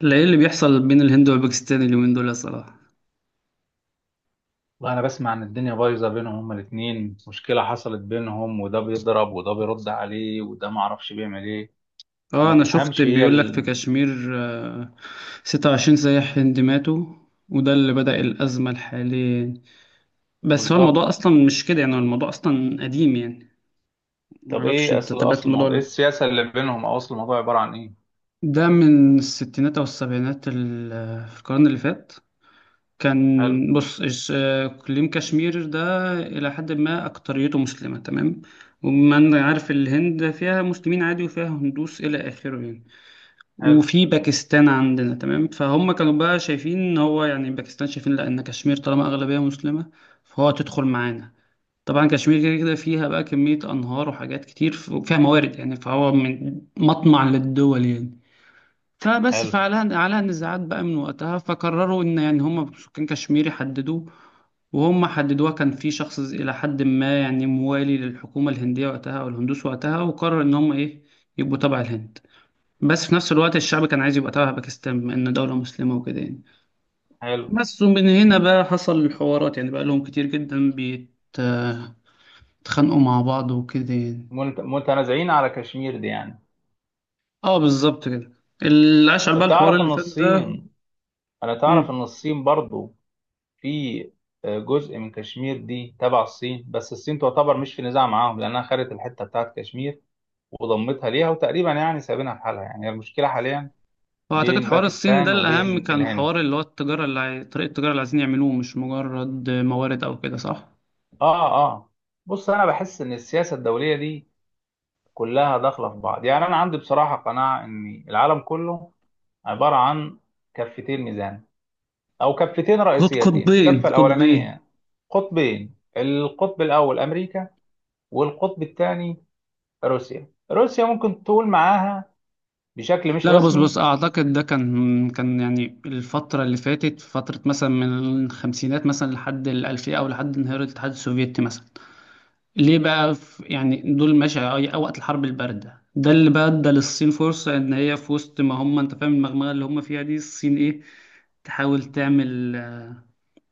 لا، ايه اللي بيحصل بين الهند والباكستان اليومين دول يا صلاح؟ والله انا بسمع ان الدنيا بايظه بينهم، هما الاثنين مشكله حصلت بينهم، وده بيضرب وده بيرد عليه وده ما اعرفش بيعمل ايه. اه، وما انا شفت تفهمش هي بيقول لك في ال... كشمير. آه، 26 سياح هندي ماتوا، وده اللي بدأ الأزمة الحالية. بس هو بالظبط. الموضوع أصلا مش كده، يعني هو الموضوع أصلا قديم يعني. طب معرفش ايه أنت اصل تابعت اصل الموضوع الموضوع، ايه السياسه اللي بينهم، او اصل الموضوع عباره عن ايه؟ ده من الستينات أو السبعينات، في القرن اللي فات. حلو. كان، بص إيش- آه، إقليم كشمير ده إلى حد ما أكتريته مسلمة تمام. وما أنا عارف، الهند فيها مسلمين عادي وفيها هندوس إلى آخره يعني. حلو. وفي باكستان عندنا تمام، فهم كانوا بقى شايفين ان هو يعني باكستان شايفين لا، ان كشمير طالما اغلبيه مسلمه، فهو هتدخل معانا. طبعا كشمير كده كده فيها بقى كميه انهار وحاجات كتير، وفيها موارد يعني، فهو من مطمع للدول يعني. فبس حلو. فعلها على نزاعات بقى من وقتها، فقرروا ان يعني هم سكان كشمير يحددوا. وهم حددوها، كان في شخص إلى حد ما يعني موالي للحكومة الهندية وقتها أو الهندوس وقتها، وقرر إن هم إيه، يبقوا تبع الهند. بس في نفس الوقت الشعب كان عايز يبقى تبع باكستان، بما إن دولة مسلمة وكده يعني. حلو. بس ومن هنا بقى حصل الحوارات، يعني بقى لهم كتير جدا بيتخانقوا مع بعض وكده يعني. متنازعين على كشمير دي يعني. اه بالظبط كده. اللي أشعل بقى الحوار تعرف اللي ان فات ده. الصين تعرف مم. ان الصين برضو في آه، جزء من كشمير دي تبع الصين، بس الصين تعتبر مش في نزاع معاهم لانها خدت الحته بتاعت كشمير وضمتها ليها، وتقريبا يعني سايبينها في حالها، يعني هي المشكله حاليا وأعتقد بين حوار الصين ده باكستان الأهم وبين كان الهند. حوار اللي هو التجارة، طريقة التجارة اللي عايزين يعملوه، مش مجرد موارد أو كده، صح؟ اه اه. بص، انا بحس ان السياسه الدوليه دي كلها داخله في بعض. يعني انا عندي بصراحه قناعه ان العالم كله عباره عن كفتين ميزان، او كفتين قط- رئيسيتين، قطبين الكفه قطبين الاولانيه قطبين، القطب الاول امريكا، والقطب الثاني روسيا، ممكن تقول معاها بشكل مش لا، لا، بص بص، رسمي. اعتقد ده كان يعني الفتره اللي فاتت، فتره مثلا من الخمسينات مثلا لحد الالفيه او لحد انهيار الاتحاد السوفيتي مثلا. ليه بقى، يعني دول ماشي، أو وقت الحرب البارده ده اللي بقى ادى للصين فرصه ان هي في وسط ما هم، انت فاهم المغمغه اللي هم فيها دي، الصين ايه، تحاول تعمل،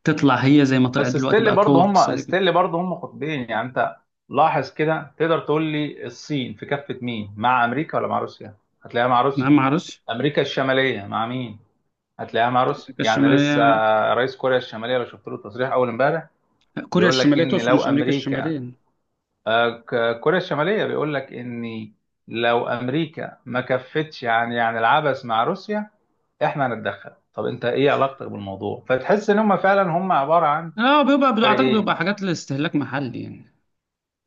تطلع هي زي ما طلعت بس دلوقتي ستيل بقى قوه برضه هم، اقتصاديه كده. ستيل برضه هم قطبين يعني. انت لاحظ كده، تقدر تقول لي الصين في كفة مين؟ مع امريكا ولا مع روسيا؟ هتلاقيها مع نعم، روسيا. ما اعرفش. امريكا الشمالية مع مين؟ هتلاقيها مع روسيا امريكا يعني لسه. الشماليه. رئيس كوريا الشمالية لو شفت له تصريح اول امبارح كوريا بيقول لك الشماليه ان تقصد، لو مش امريكا امريكا، الشماليه. آه، كوريا الشمالية بيقول لك ان لو امريكا ما كفتش يعني، يعني العبث مع روسيا احنا هنتدخل. طب انت ايه علاقتك بالموضوع؟ فتحس ان هم فعلا هم عبارة عن اه، اعتقد فريقين. بيبقى حاجات لاستهلاك محلي يعني.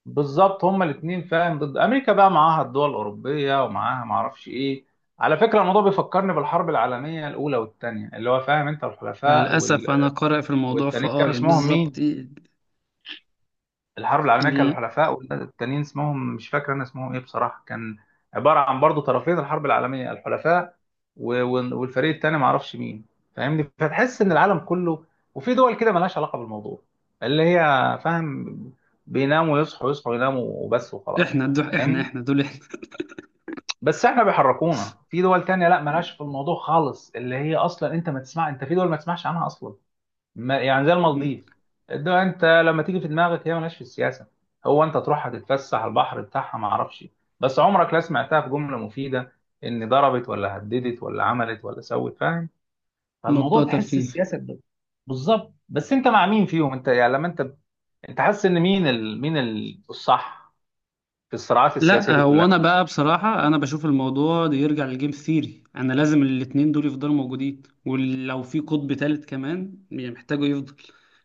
بالظبط، هما الاثنين فاهم، ضد امريكا بقى معاها الدول الاوروبيه ومعاها ما اعرفش ايه. على فكره الموضوع بيفكرني بالحرب العالميه الاولى والثانيه، اللي هو فاهم انت، الحلفاء وال... للأسف أنا قارئ في الموضوع والتانيين فأه كانوا يعني اسمهم بالظبط مين؟ إيه. الحرب العالميه كان ال... الحلفاء والتانيين اسمهم مش فاكر انا اسمهم ايه بصراحه. كان عباره عن برضو طرفين الحرب العالميه، الحلفاء و... والفريق الثاني ما اعرفش مين. فاهمني؟ فتحس ان العالم كله، وفي دول كده ملهاش علاقه بالموضوع، اللي هي فاهم بيناموا يصحوا، يصحوا يناموا، وبس وخلاص. إحنا دول إحنا فاهمني؟ بس احنا بيحركونا في دول تانية لا مالهاش في الموضوع خالص، اللي هي اصلا انت ما تسمع، انت في دول ما تسمعش عنها اصلا. ما يعني زي المالديف، الدول انت لما تيجي في دماغك هي مالهاش في السياسة، هو انت تروح هتتفسح على البحر بتاعها ما اعرفش. بس عمرك لا سمعتها في جملة مفيدة ان ضربت ولا هددت ولا عملت ولا سوت، فاهم؟ ما فالموضوع بتوع تحس ترفيه. السياسة ب-. بالظبط. بس انت مع مين فيهم انت يعني؟ لما انت، انت حاسس ان مين ال... مين ال... الصح في الصراعات السياسية لا، دي هو كلها؟ أنا بقى بصراحة أنا بشوف الموضوع ده يرجع للجيم ثيري، أنا لازم الاتنين دول يفضلوا موجودين، ولو في قطب تالت كمان يعني محتاجه يفضل.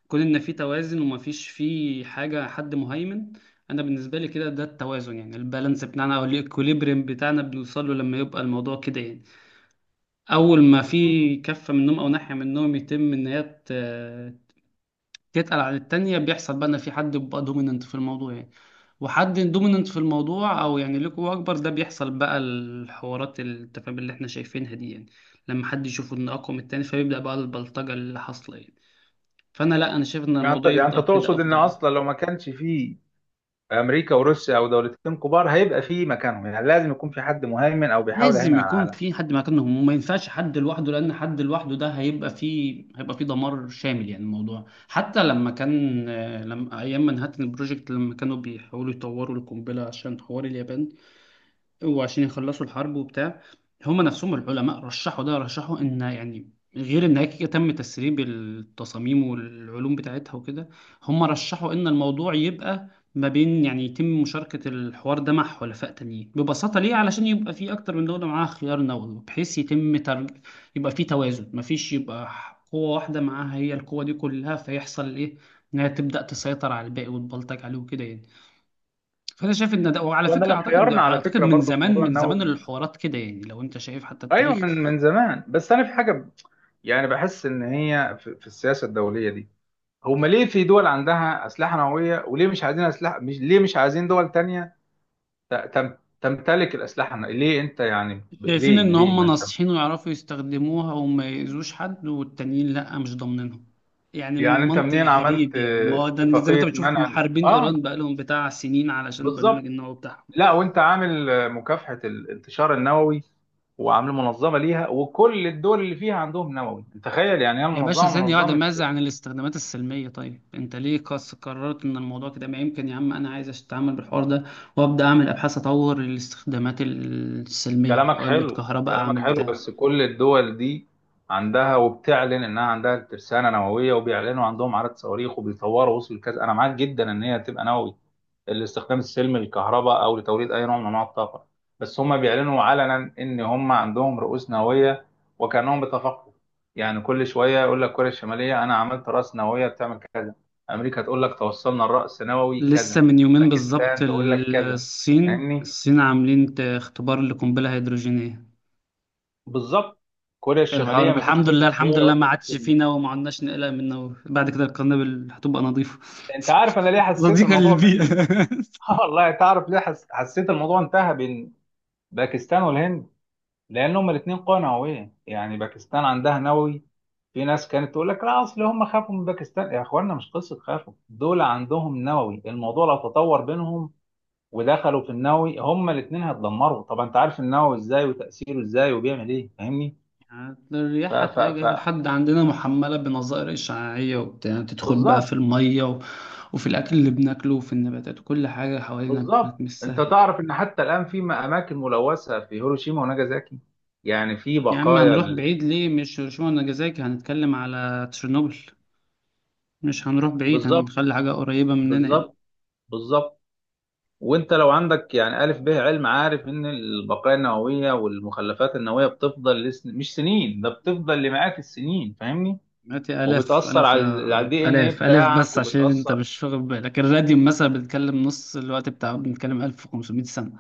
كون إن في توازن ومفيش في حاجة حد مهيمن. أنا بالنسبة لي كده ده التوازن، يعني البالانس بتاعنا أو الإكوليبريم بتاعنا بنوصل له لما يبقى الموضوع كده يعني. اول ما في كفه منهم او ناحيه منهم يتم ان هي تتقل عن التانية، بيحصل بقى ان في حد بيبقى دوميننت في الموضوع يعني. وحد دوميننت في الموضوع او يعني ليه قوه اكبر، ده بيحصل بقى الحوارات التفاهم اللي احنا شايفينها دي يعني. لما حد يشوف ان اقوى من التاني، فبيبدا بقى البلطجه اللي حاصله يعني. فانا لا، انا شايف ان يعني انت، الموضوع يعني انت يفضل كده تقصد ان افضل يعني. اصلا لو ما كانش فيه امريكا وروسيا او دولتين كبار هيبقى فيه مكانهم؟ يعني لازم يكون في حد مهيمن او بيحاول يهيمن لازم على يكون العالم. في حد مكانهم، وما ينفعش حد لوحده، لان حد لوحده ده هيبقى فيه، دمار شامل يعني. الموضوع حتى لما كان، لما ايام منهاتن البروجكت لما كانوا بيحاولوا يطوروا القنبله عشان حوار اليابان، وعشان يخلصوا الحرب وبتاع. هما نفسهم العلماء رشحوا ده، رشحوا ان يعني، غير ان هيك تم تسريب التصاميم والعلوم بتاعتها وكده. هما رشحوا ان الموضوع يبقى ما بين، يعني يتم مشاركة الحوار ده مع حلفاء تانيين ببساطة، ليه؟ علشان يبقى في أكتر من دولة معاها خيار نووي، بحيث يبقى في توازن، مفيش يبقى قوة واحدة معاها هي القوة دي كلها، فيحصل إيه؟ إنها تبدأ تسيطر على الباقي وتبلطج عليه وكده يعني. فانا شايف ان ده، وعلى وانا فكره، لو اعتقد حيرنا على اعتقد فكره من برضو في زمان، موضوع من زمان النووي، الحوارات كده يعني، لو انت شايف حتى ايوه التاريخ. من زمان، بس انا في حاجه ب-. يعني بحس ان هي في, في السياسه الدوليه دي، هم ليه في دول عندها اسلحه نوويه وليه مش عايزين اسلحه، مش ليه مش عايزين دول تانية تم تمتلك الاسلحه النووية؟ ليه انت يعني ب- شايفين ليه ان ليه ما هم انت. ناصحين ويعرفوا يستخدموها وما يأذوش حد، والتانيين لا، مش ضامنينهم يعني. يعني انت منطق منين عملت غريب يعني، ما اه، هو ده زي ما انت اتفاقيه منع. بتشوف محاربين اه ايران بقالهم بتاع سنين علشان البرنامج بالظبط. النووي بتاعهم. لا وانت عامل آه، مكافحة الانتشار النووي وعامل منظمة ليها، وكل الدول اللي فيها عندهم نووي، تخيل يعني هي يا باشا، المنظمة ثانية واحدة، منظمة. ماذا عن الاستخدامات السلمية؟ طيب انت ليه قررت ان الموضوع كده؟ ما يمكن يا عم انا عايز اتعامل بالحوار ده، وابدا اعمل ابحاث، اطور الاستخدامات السلمية، كلامك اقلد حلو، كهرباء، كلامك اعمل حلو، بتاع. بس كل الدول دي عندها وبتعلن انها عندها ترسانه نوويه، وبيعلنوا عندهم عدد صواريخ، وبيطوروا وصل الكذا. انا معاك جدا ان هي تبقى نووي الاستخدام السلمي للكهرباء، او لتوليد اي نوع من انواع الطاقه. بس هم بيعلنوا علنا ان هم عندهم رؤوس نوويه، وكانهم بيتفاقموا. يعني كل شويه يقول لك كوريا الشماليه انا عملت راس نوويه بتعمل كذا، امريكا تقول لك توصلنا الراس نووي لسه كذا، من يومين بالظبط، باكستان تقول لك ال- كذا، الصين فاهمني؟ الصين عاملين اختبار لقنبلة هيدروجينية. بالظبط. كوريا الشماليه الحوار ما فيش الحمد كل لله، اسبوع الحمد يقول لله، ما لك، عادش إن-. فينا وما عدناش نقلق منه، بعد كده القنابل هتبقى نظيفة. انت عارف انا ليه حسيت صديقة الموضوع للبيئة. بين آه والله. تعرف ليه حسيت الموضوع انتهى بين باكستان والهند؟ لان هما الاثنين قوى نوويه. يعني باكستان عندها نووي، في ناس كانت تقول لك لا اصل هم خافوا من باكستان، يا اخوانا مش قصه خافوا، دول عندهم نووي، الموضوع لو تطور بينهم ودخلوا في النووي هما الاثنين هيتدمروا. طب انت عارف النووي ازاي، وتاثيره ازاي، وبيعمل ايه، فاهمني؟ يعني ف الرياح ف هتلاقيها ف جاية لحد عندنا محملة بنظائر إشعاعية وبتاع، تدخل بقى في بالظبط. المية، وفي الأكل اللي بناكله وفي النباتات وكل حاجة حوالينا. بالظبط. مش انت سهل. تعرف ان حتى الان في اماكن ملوثه في هيروشيما وناجازاكي، يعني في يا عم بقايا هنروح ال... بعيد ليه، مش هيروشيما وناجازاكي، هنتكلم على تشيرنوبل. مش هنروح بعيد، بالظبط. هنخلي حاجة قريبة مننا يعني. بالظبط. بالظبط. وانت لو عندك يعني الف به علم عارف ان البقايا النوويه والمخلفات النوويه بتفضل لسن... مش سنين، ده بتفضل لمئات السنين، فاهمني؟ مئات آلاف وبتاثر آلاف، على على الدي ان ايه آلاف آلاف، بتاعك، بس عشان أنت وبتاثر. مش واخد بالك، الراديوم مثلا، بنتكلم نص الوقت بتاعه، بنتكلم 1500 سنة.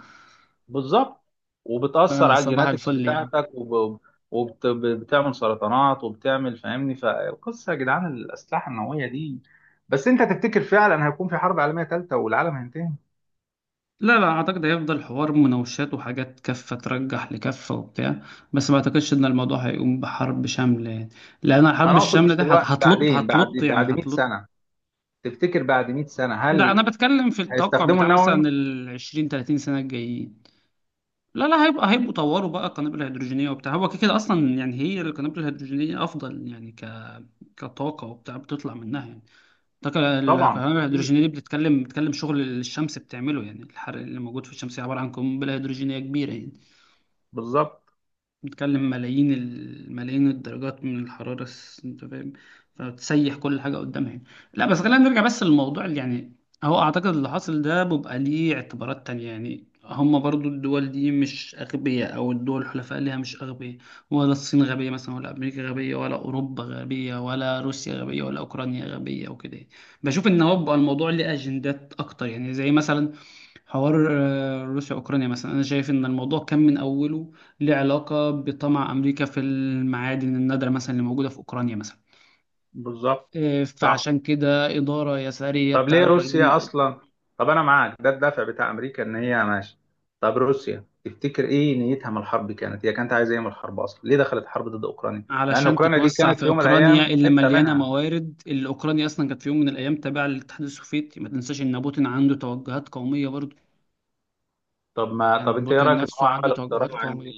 بالظبط. وبتأثر على فصباح الجيناتكس الفل يعني. بتاعتك وب... وبتعمل سرطانات وبتعمل، فاهمني؟ فالقصة يا جدعان الأسلحة النووية دي. بس أنت تفتكر فعلا هيكون في حرب عالمية ثالثة والعالم هينتهي؟ لا، لا أعتقد، هيفضل حوار مناوشات وحاجات، كفة ترجح لكفة وبتاع. بس ما أعتقدش إن الموضوع هيقوم بحرب شاملة يعني. لأن الحرب أنا أقصد الشاملة مش دي دلوقتي، هتلط بعدين، بعد هتلط يعني بعد 100 هتلط. سنة. تفتكر بعد 100 سنة ده أنا هل بتكلم في التوقع هيستخدموا بتاع النووي؟ مثلا ال 20 30 سنة الجايين. لا، لا، هيبقوا طوروا بقى القنابل الهيدروجينية وبتاع، هو كده كده أصلا يعني. هي القنابل الهيدروجينية أفضل يعني، كطاقة وبتاع بتطلع منها يعني الطاقة. طبعا القنابل أكيد. الهيدروجينية دي بتتكلم، شغل الشمس بتعمله، يعني الحرق اللي موجود في الشمس عبارة عن قنبلة هيدروجينية كبيرة يعني. بالظبط. بتتكلم ملايين الملايين الدرجات من الحرارة، انت فاهم، فبتسيح كل حاجة قدامها يعني. لا بس خلينا نرجع بس للموضوع اللي يعني، هو اعتقد اللي حاصل ده، بيبقى ليه اعتبارات تانية يعني، هما برضو الدول دي مش أغبياء، أو الدول الحلفاء ليها مش أغبياء. ولا الصين غبية مثلا، ولا أمريكا غبية، ولا أوروبا غبية، ولا روسيا غبية، ولا أوكرانيا غبية وكده يعني. بشوف إن هو بيبقى الموضوع ليه أجندات أكتر يعني، زي مثلا حوار روسيا أوكرانيا مثلا، أنا شايف إن الموضوع كان من أوله له علاقة بطمع أمريكا في المعادن النادرة مثلا اللي موجودة في أوكرانيا مثلا. بالظبط. صح. فعشان كده إدارة يسارية طب ليه بتاعت بايدن، روسيا اصلا؟ طب انا معاك ده الدافع بتاع امريكا ان هي ماشي. طب روسيا تفتكر ايه نيتها من الحرب؟ كانت هي كانت عايزه ايه من الحرب اصلا؟ ليه دخلت حرب ضد اوكرانيا، مع ان علشان اوكرانيا دي تتوسع كانت في في يوم من أوكرانيا الايام اللي حته مليانة منها؟ موارد، اللي أوكرانيا أصلا كانت في يوم من الأيام تابعة للاتحاد السوفيتي، ما تنساش إن بوتين عنده توجهات قومية برضه، طب ما طب يعني انت ايه بوتين رايك ان هو نفسه عنده عمل توجهات اقتراع ان، قومية.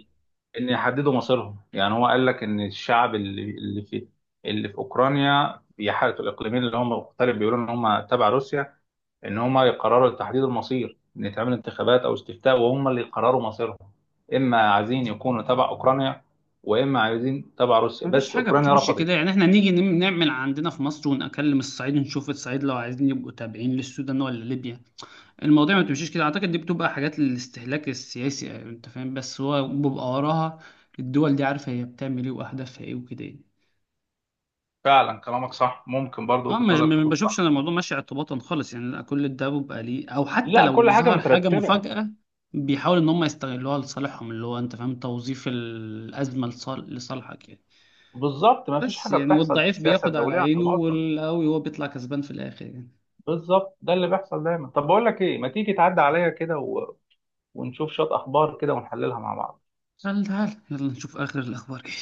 ان يحددوا مصيرهم؟ يعني هو قال لك ان الشعب اللي في، اللي في اوكرانيا بيحارب، الاقليمين اللي هم مختلف بيقولوا ان هم تبع روسيا، ان هم يقرروا تحديد المصير، ان يتعمل انتخابات او استفتاء، وهم اللي يقرروا مصيرهم، اما عايزين يكونوا تبع اوكرانيا، واما عايزين تبع روسيا، مفيش بس حاجة اوكرانيا بتمشي رفضت. كده يعني، احنا نيجي نعمل عندنا في مصر ونكلم الصعيد، نشوف الصعيد لو عايزين يبقوا تابعين للسودان ولا ليبيا. المواضيع ما بتمشيش كده، اعتقد دي بتبقى حاجات للاستهلاك السياسي يعني، انت فاهم، بس هو بيبقى وراها الدول دي عارفه هي بتعمل ايه واهدافها ايه وكده يعني. فعلا كلامك صح، ممكن برضو اه، وجهة نظرك ما تكون بشوفش صح. انا الموضوع ماشي اعتباطا خالص يعني. لا، كل ده بيبقى ليه، او حتى لا كل لو حاجة ظهر حاجه مترتبة. مفاجاه بيحاول ان هم يستغلوها لصالحهم، اللي هو انت فاهم توظيف الازمه لصالحك يعني. بالظبط، ما فيش بس حاجة يعني، بتحصل في والضعيف السياسة بياخد على الدولية عينه، اعتباطا. والقوي هو بيطلع كسبان في الاخر يعني. بالظبط، ده اللي بيحصل دايما. طب بقول لك ايه، ما تيجي تعدي عليا كده و... ونشوف شوية اخبار كده ونحللها مع بعض. تعال تعال يلا نشوف اخر الاخبار كده.